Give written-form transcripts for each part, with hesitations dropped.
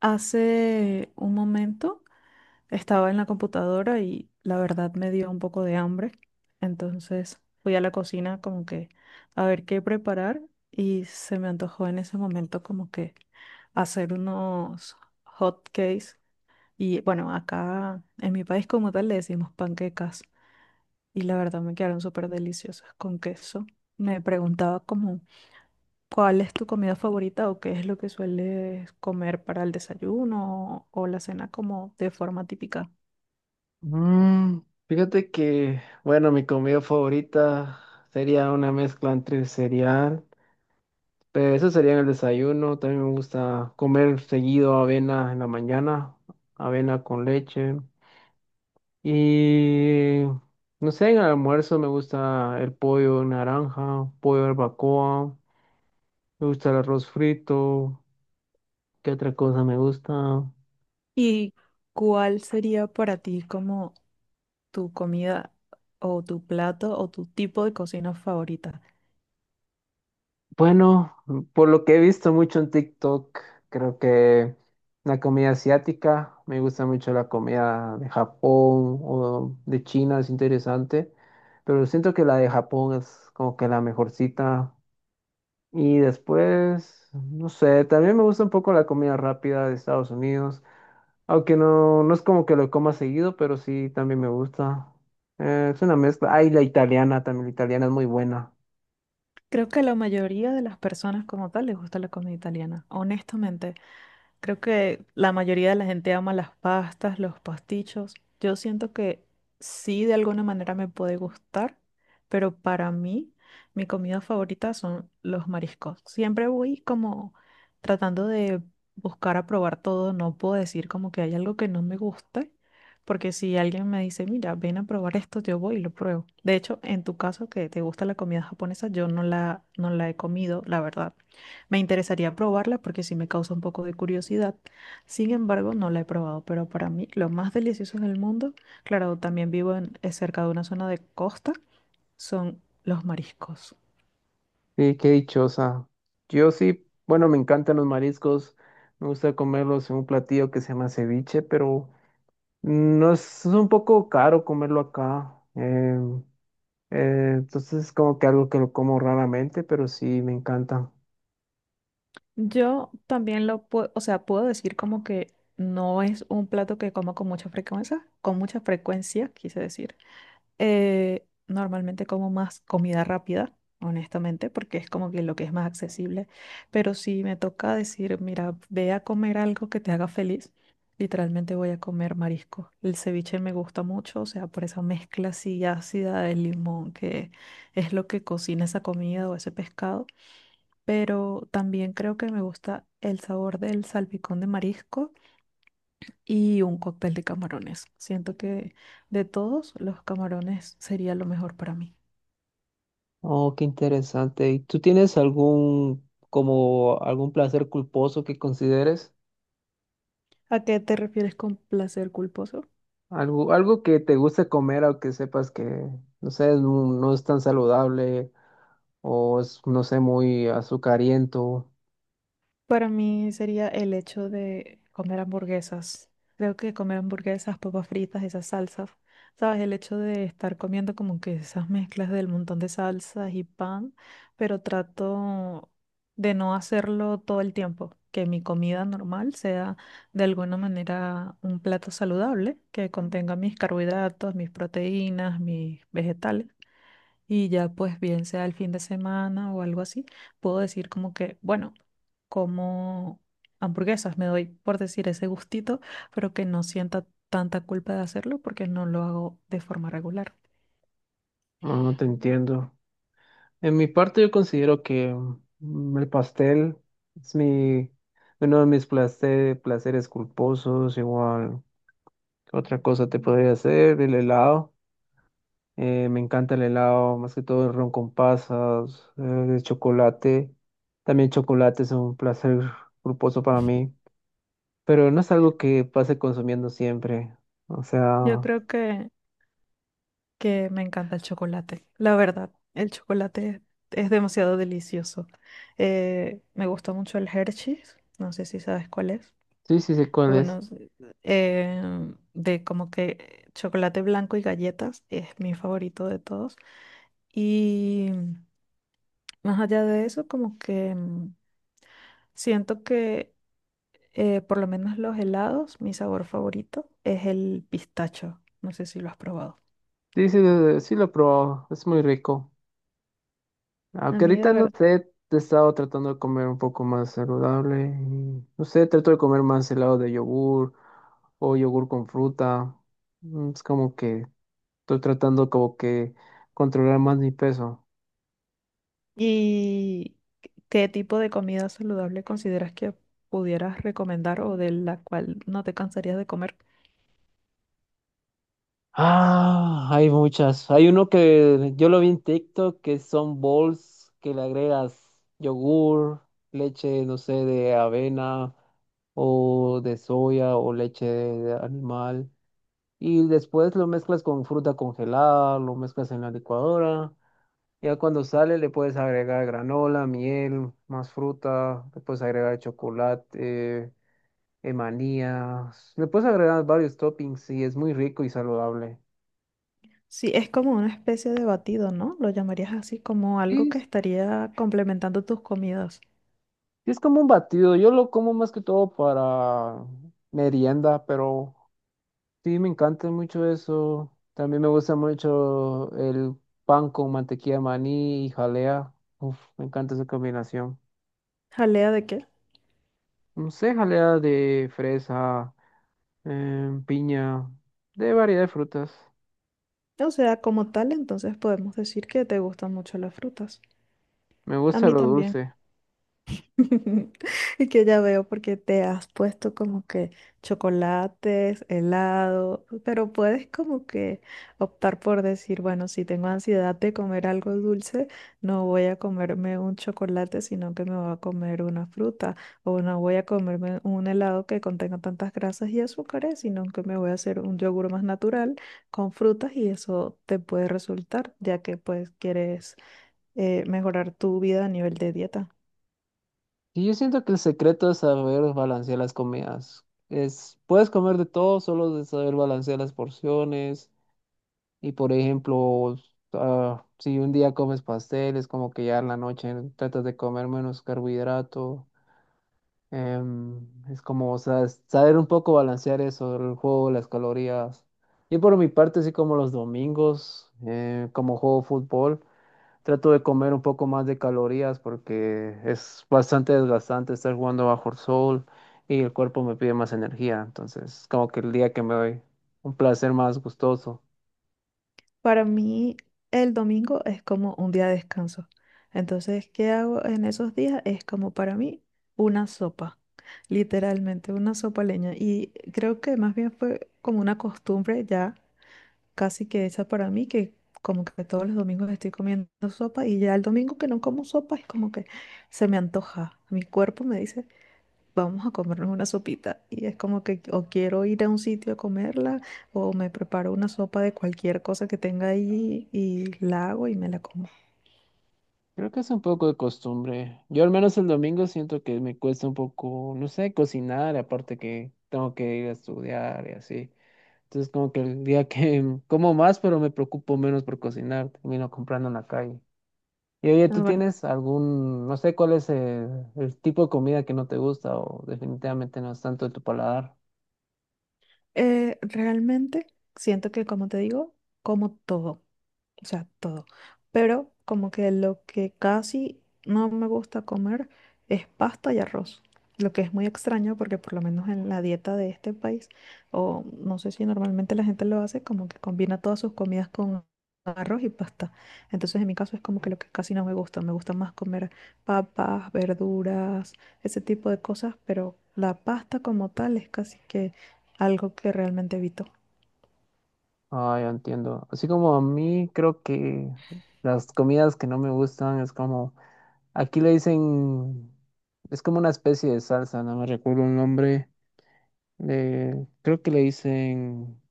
Hace un momento estaba en la computadora y la verdad me dio un poco de hambre. Entonces fui a la cocina como que a ver qué preparar y se me antojó en ese momento como que hacer unos hot cakes. Y bueno, acá en mi país como tal le decimos panquecas y la verdad me quedaron súper deliciosas con queso. Me preguntaba como ¿cuál es tu comida favorita o qué es lo que sueles comer para el desayuno o la cena como de forma típica? Mm, fíjate que, bueno, mi comida favorita sería una mezcla entre cereal, pero eso sería en el desayuno. También me gusta comer seguido avena en la mañana, avena con leche. Y no sé, en el almuerzo me gusta el pollo en naranja, pollo barbacoa, me gusta el arroz frito. ¿Qué otra cosa me gusta? ¿Y cuál sería para ti como tu comida o tu plato o tu tipo de cocina favorita? Bueno, por lo que he visto mucho en TikTok, creo que la comida asiática, me gusta mucho la comida de Japón o de China, es interesante, pero siento que la de Japón es como que la mejorcita. Y después, no sé, también me gusta un poco la comida rápida de Estados Unidos, aunque no, no es como que lo coma seguido, pero sí también me gusta. Es una mezcla. Ay, la italiana también, la italiana es muy buena. Creo que a la mayoría de las personas como tal les gusta la comida italiana, honestamente. Creo que la mayoría de la gente ama las pastas, los pastichos. Yo siento que sí, de alguna manera me puede gustar, pero para mí, mi comida favorita son los mariscos. Siempre voy como tratando de buscar a probar todo. No puedo decir como que hay algo que no me guste, porque si alguien me dice, mira, ven a probar esto, yo voy y lo pruebo. De hecho, en tu caso, que te gusta la comida japonesa, yo no la he comido, la verdad. Me interesaría probarla porque sí me causa un poco de curiosidad. Sin embargo, no la he probado, pero para mí lo más delicioso en el mundo, claro, también vivo en- cerca de una zona de costa, son los mariscos. Sí, qué dichosa. Yo sí, bueno, me encantan los mariscos, me gusta comerlos en un platillo que se llama ceviche, pero no es, es un poco caro comerlo acá. Entonces es como que algo que lo como raramente, pero sí me encanta. Yo también lo puedo, o sea, puedo decir como que no es un plato que como con mucha frecuencia, quise decir. Normalmente como más comida rápida, honestamente, porque es como que lo que es más accesible. Pero si me toca decir, mira, ve a comer algo que te haga feliz, literalmente voy a comer marisco. El ceviche me gusta mucho, o sea, por esa mezcla así ácida del limón, que es lo que cocina esa comida o ese pescado. Pero también creo que me gusta el sabor del salpicón de marisco y un cóctel de camarones. Siento que de todos los camarones sería lo mejor para mí. Oh, qué interesante. ¿Y tú tienes algún, como algún placer culposo que consideres? ¿A qué te refieres con placer culposo? Algo, algo que te guste comer, aunque sepas que, no sé, no es tan saludable o es, no sé, muy azucariento. Para mí sería el hecho de comer hamburguesas. Creo que comer hamburguesas, papas fritas, esas salsas, ¿sabes? El hecho de estar comiendo como que esas mezclas del montón de salsas y pan, pero trato de no hacerlo todo el tiempo. Que mi comida normal sea de alguna manera un plato saludable que contenga mis carbohidratos, mis proteínas, mis vegetales y ya pues bien sea el fin de semana o algo así, puedo decir como que, bueno, como hamburguesas, me doy por decir ese gustito, pero que no sienta tanta culpa de hacerlo porque no lo hago de forma regular. No, no te entiendo. En mi parte yo considero que el pastel es mi, uno de mis placeres culposos, igual. ¿Qué otra cosa te podría hacer? El helado. Me encanta el helado, más que todo el ron con pasas, el chocolate. También chocolate es un placer culposo para mí, pero no es algo que pase consumiendo siempre. O sea, Yo creo que me encanta el chocolate. La verdad, el chocolate es demasiado delicioso. Me gusta mucho el Hershey's, no sé si sabes cuál es. sí, sí sé cuál Bueno, es. eh, de como que chocolate blanco y galletas es mi favorito de todos. Y más allá de eso, como que siento que por lo menos los helados, mi sabor favorito es el pistacho. No sé si lo has probado. Sí, sí, sí lo probó, es muy rico. A Aunque mí de ahorita no verdad. sé, he estado tratando de comer un poco más saludable. Y, no sé, trato de comer más helado de yogur o yogur con fruta. Mm, es como que estoy tratando como que controlar más mi peso. ¿Y qué tipo de comida saludable consideras que pudieras recomendar o de la cual no te cansarías de comer? Ah, hay muchas. Hay uno que yo lo vi en TikTok que son bowls que le agregas yogur, leche, no sé, de avena o de soya o leche de animal. Y después lo mezclas con fruta congelada, lo mezclas en la licuadora. Ya cuando sale le puedes agregar granola, miel, más fruta, le puedes agregar chocolate, manías, le puedes agregar varios toppings y es muy rico y saludable. Sí, es como una especie de batido, ¿no? Lo llamarías así como Sí algo que es, estaría complementando tus comidas. sí es como un batido, yo lo como más que todo para merienda, pero sí me encanta mucho eso. También me gusta mucho el pan con mantequilla de maní y jalea. Uf, me encanta esa combinación. ¿Jalea de qué? No sé, jalea de fresa, piña, de variedad de frutas. O sea, como tal, entonces podemos decir que te gustan mucho las frutas. Me A gusta mí lo también. dulce. Y que ya veo porque te has puesto como que chocolates, helado, pero puedes como que optar por decir, bueno, si tengo ansiedad de comer algo dulce, no voy a comerme un chocolate, sino que me voy a comer una fruta, o no voy a comerme un helado que contenga tantas grasas y azúcares, sino que me voy a hacer un yogur más natural con frutas y eso te puede resultar, ya que pues quieres mejorar tu vida a nivel de dieta. Y yo siento que el secreto es saber balancear las comidas. Es, puedes comer de todo, solo de saber balancear las porciones. Y por ejemplo, ah, si un día comes pasteles, como que ya en la noche tratas de comer menos carbohidrato. Es como, o sea, es saber un poco balancear eso, el juego, las calorías. Y por mi parte, así como los domingos, como juego fútbol, trato de comer un poco más de calorías porque es bastante desgastante estar jugando bajo el sol y el cuerpo me pide más energía. Entonces, es como que el día que me doy un placer más gustoso. Para mí, el domingo es como un día de descanso. Entonces, ¿qué hago en esos días? Es como para mí una sopa, literalmente una sopa leña. Y creo que más bien fue como una costumbre ya casi que hecha para mí, que como que todos los domingos estoy comiendo sopa y ya el domingo que no como sopa es como que se me antoja. Mi cuerpo me dice, vamos a comernos una sopita. Y es como que o quiero ir a un sitio a comerla o me preparo una sopa de cualquier cosa que tenga ahí y la hago y me la como. Creo que es un poco de costumbre. Yo al menos el domingo siento que me cuesta un poco, no sé, cocinar, aparte que tengo que ir a estudiar y así. Entonces, como que el día que como más, pero me preocupo menos por cocinar, termino comprando en la calle. Y oye, Ah, ¿tú bueno, tienes algún, no sé cuál es el tipo de comida que no te gusta o definitivamente no es tanto de tu paladar? Realmente siento que, como te digo, como todo. O sea, todo. Pero como que lo que casi no me gusta comer es pasta y arroz, lo que es muy extraño porque por lo menos en la dieta de este país, o no sé si normalmente la gente lo hace, como que combina todas sus comidas con arroz y pasta. Entonces en mi caso es como que lo que casi no me gusta, me gusta más comer papas, verduras, ese tipo de cosas, pero la pasta como tal es casi que algo que realmente evito. Ah, ya entiendo. Así como a mí creo que las comidas que no me gustan es como, aquí le dicen, es como una especie de salsa, no me recuerdo el nombre. Creo que le dicen,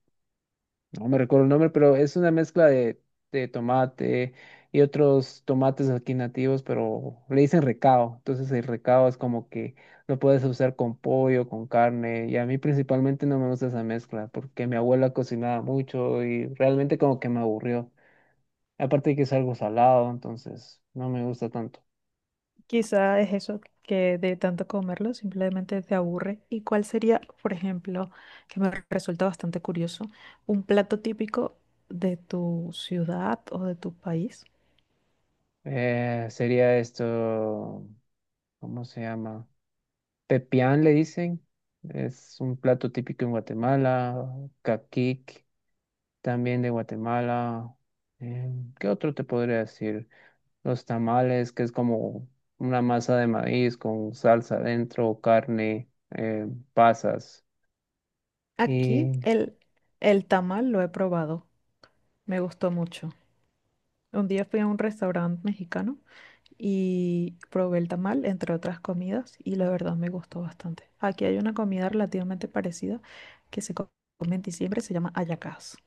no me recuerdo el nombre, pero es una mezcla de tomate y otros tomates aquí nativos, pero le dicen recao. Entonces el recao es como que lo puedes usar con pollo, con carne. Y a mí principalmente no me gusta esa mezcla porque mi abuela cocinaba mucho y realmente como que me aburrió. Aparte de que es algo salado, entonces no me gusta tanto. Quizá es eso que de tanto comerlo simplemente te aburre. ¿Y cuál sería, por ejemplo, que me resulta bastante curioso, un plato típico de tu ciudad o de tu país? Sería esto, ¿cómo se llama? Pepián le dicen. Es un plato típico en Guatemala, caquic. También de Guatemala. eh, ¿Qué otro te podría decir? Los tamales, que es como una masa de maíz con salsa adentro, carne, pasas. Aquí Y, el tamal lo he probado, me gustó mucho. Un día fui a un restaurante mexicano y probé el tamal, entre otras comidas, y la verdad me gustó bastante. Aquí hay una comida relativamente parecida que se co- come en diciembre, se llama hallacas.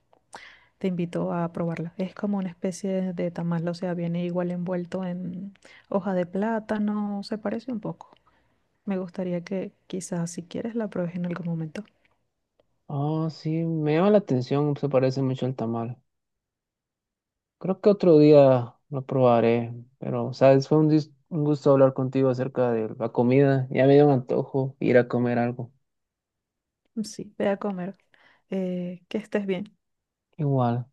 Te invito a probarla. Es como una especie de tamal, o sea, viene igual envuelto en hoja de plátano, se parece un poco. Me gustaría que quizás si quieres la pruebes en algún momento. oh, sí, me llama la atención, se parece mucho al tamal. Creo que otro día lo probaré, pero, sabes, fue un, un gusto hablar contigo acerca de la comida. Ya me dio un antojo ir a comer algo. Sí, ve a comer. Que estés bien. Igual.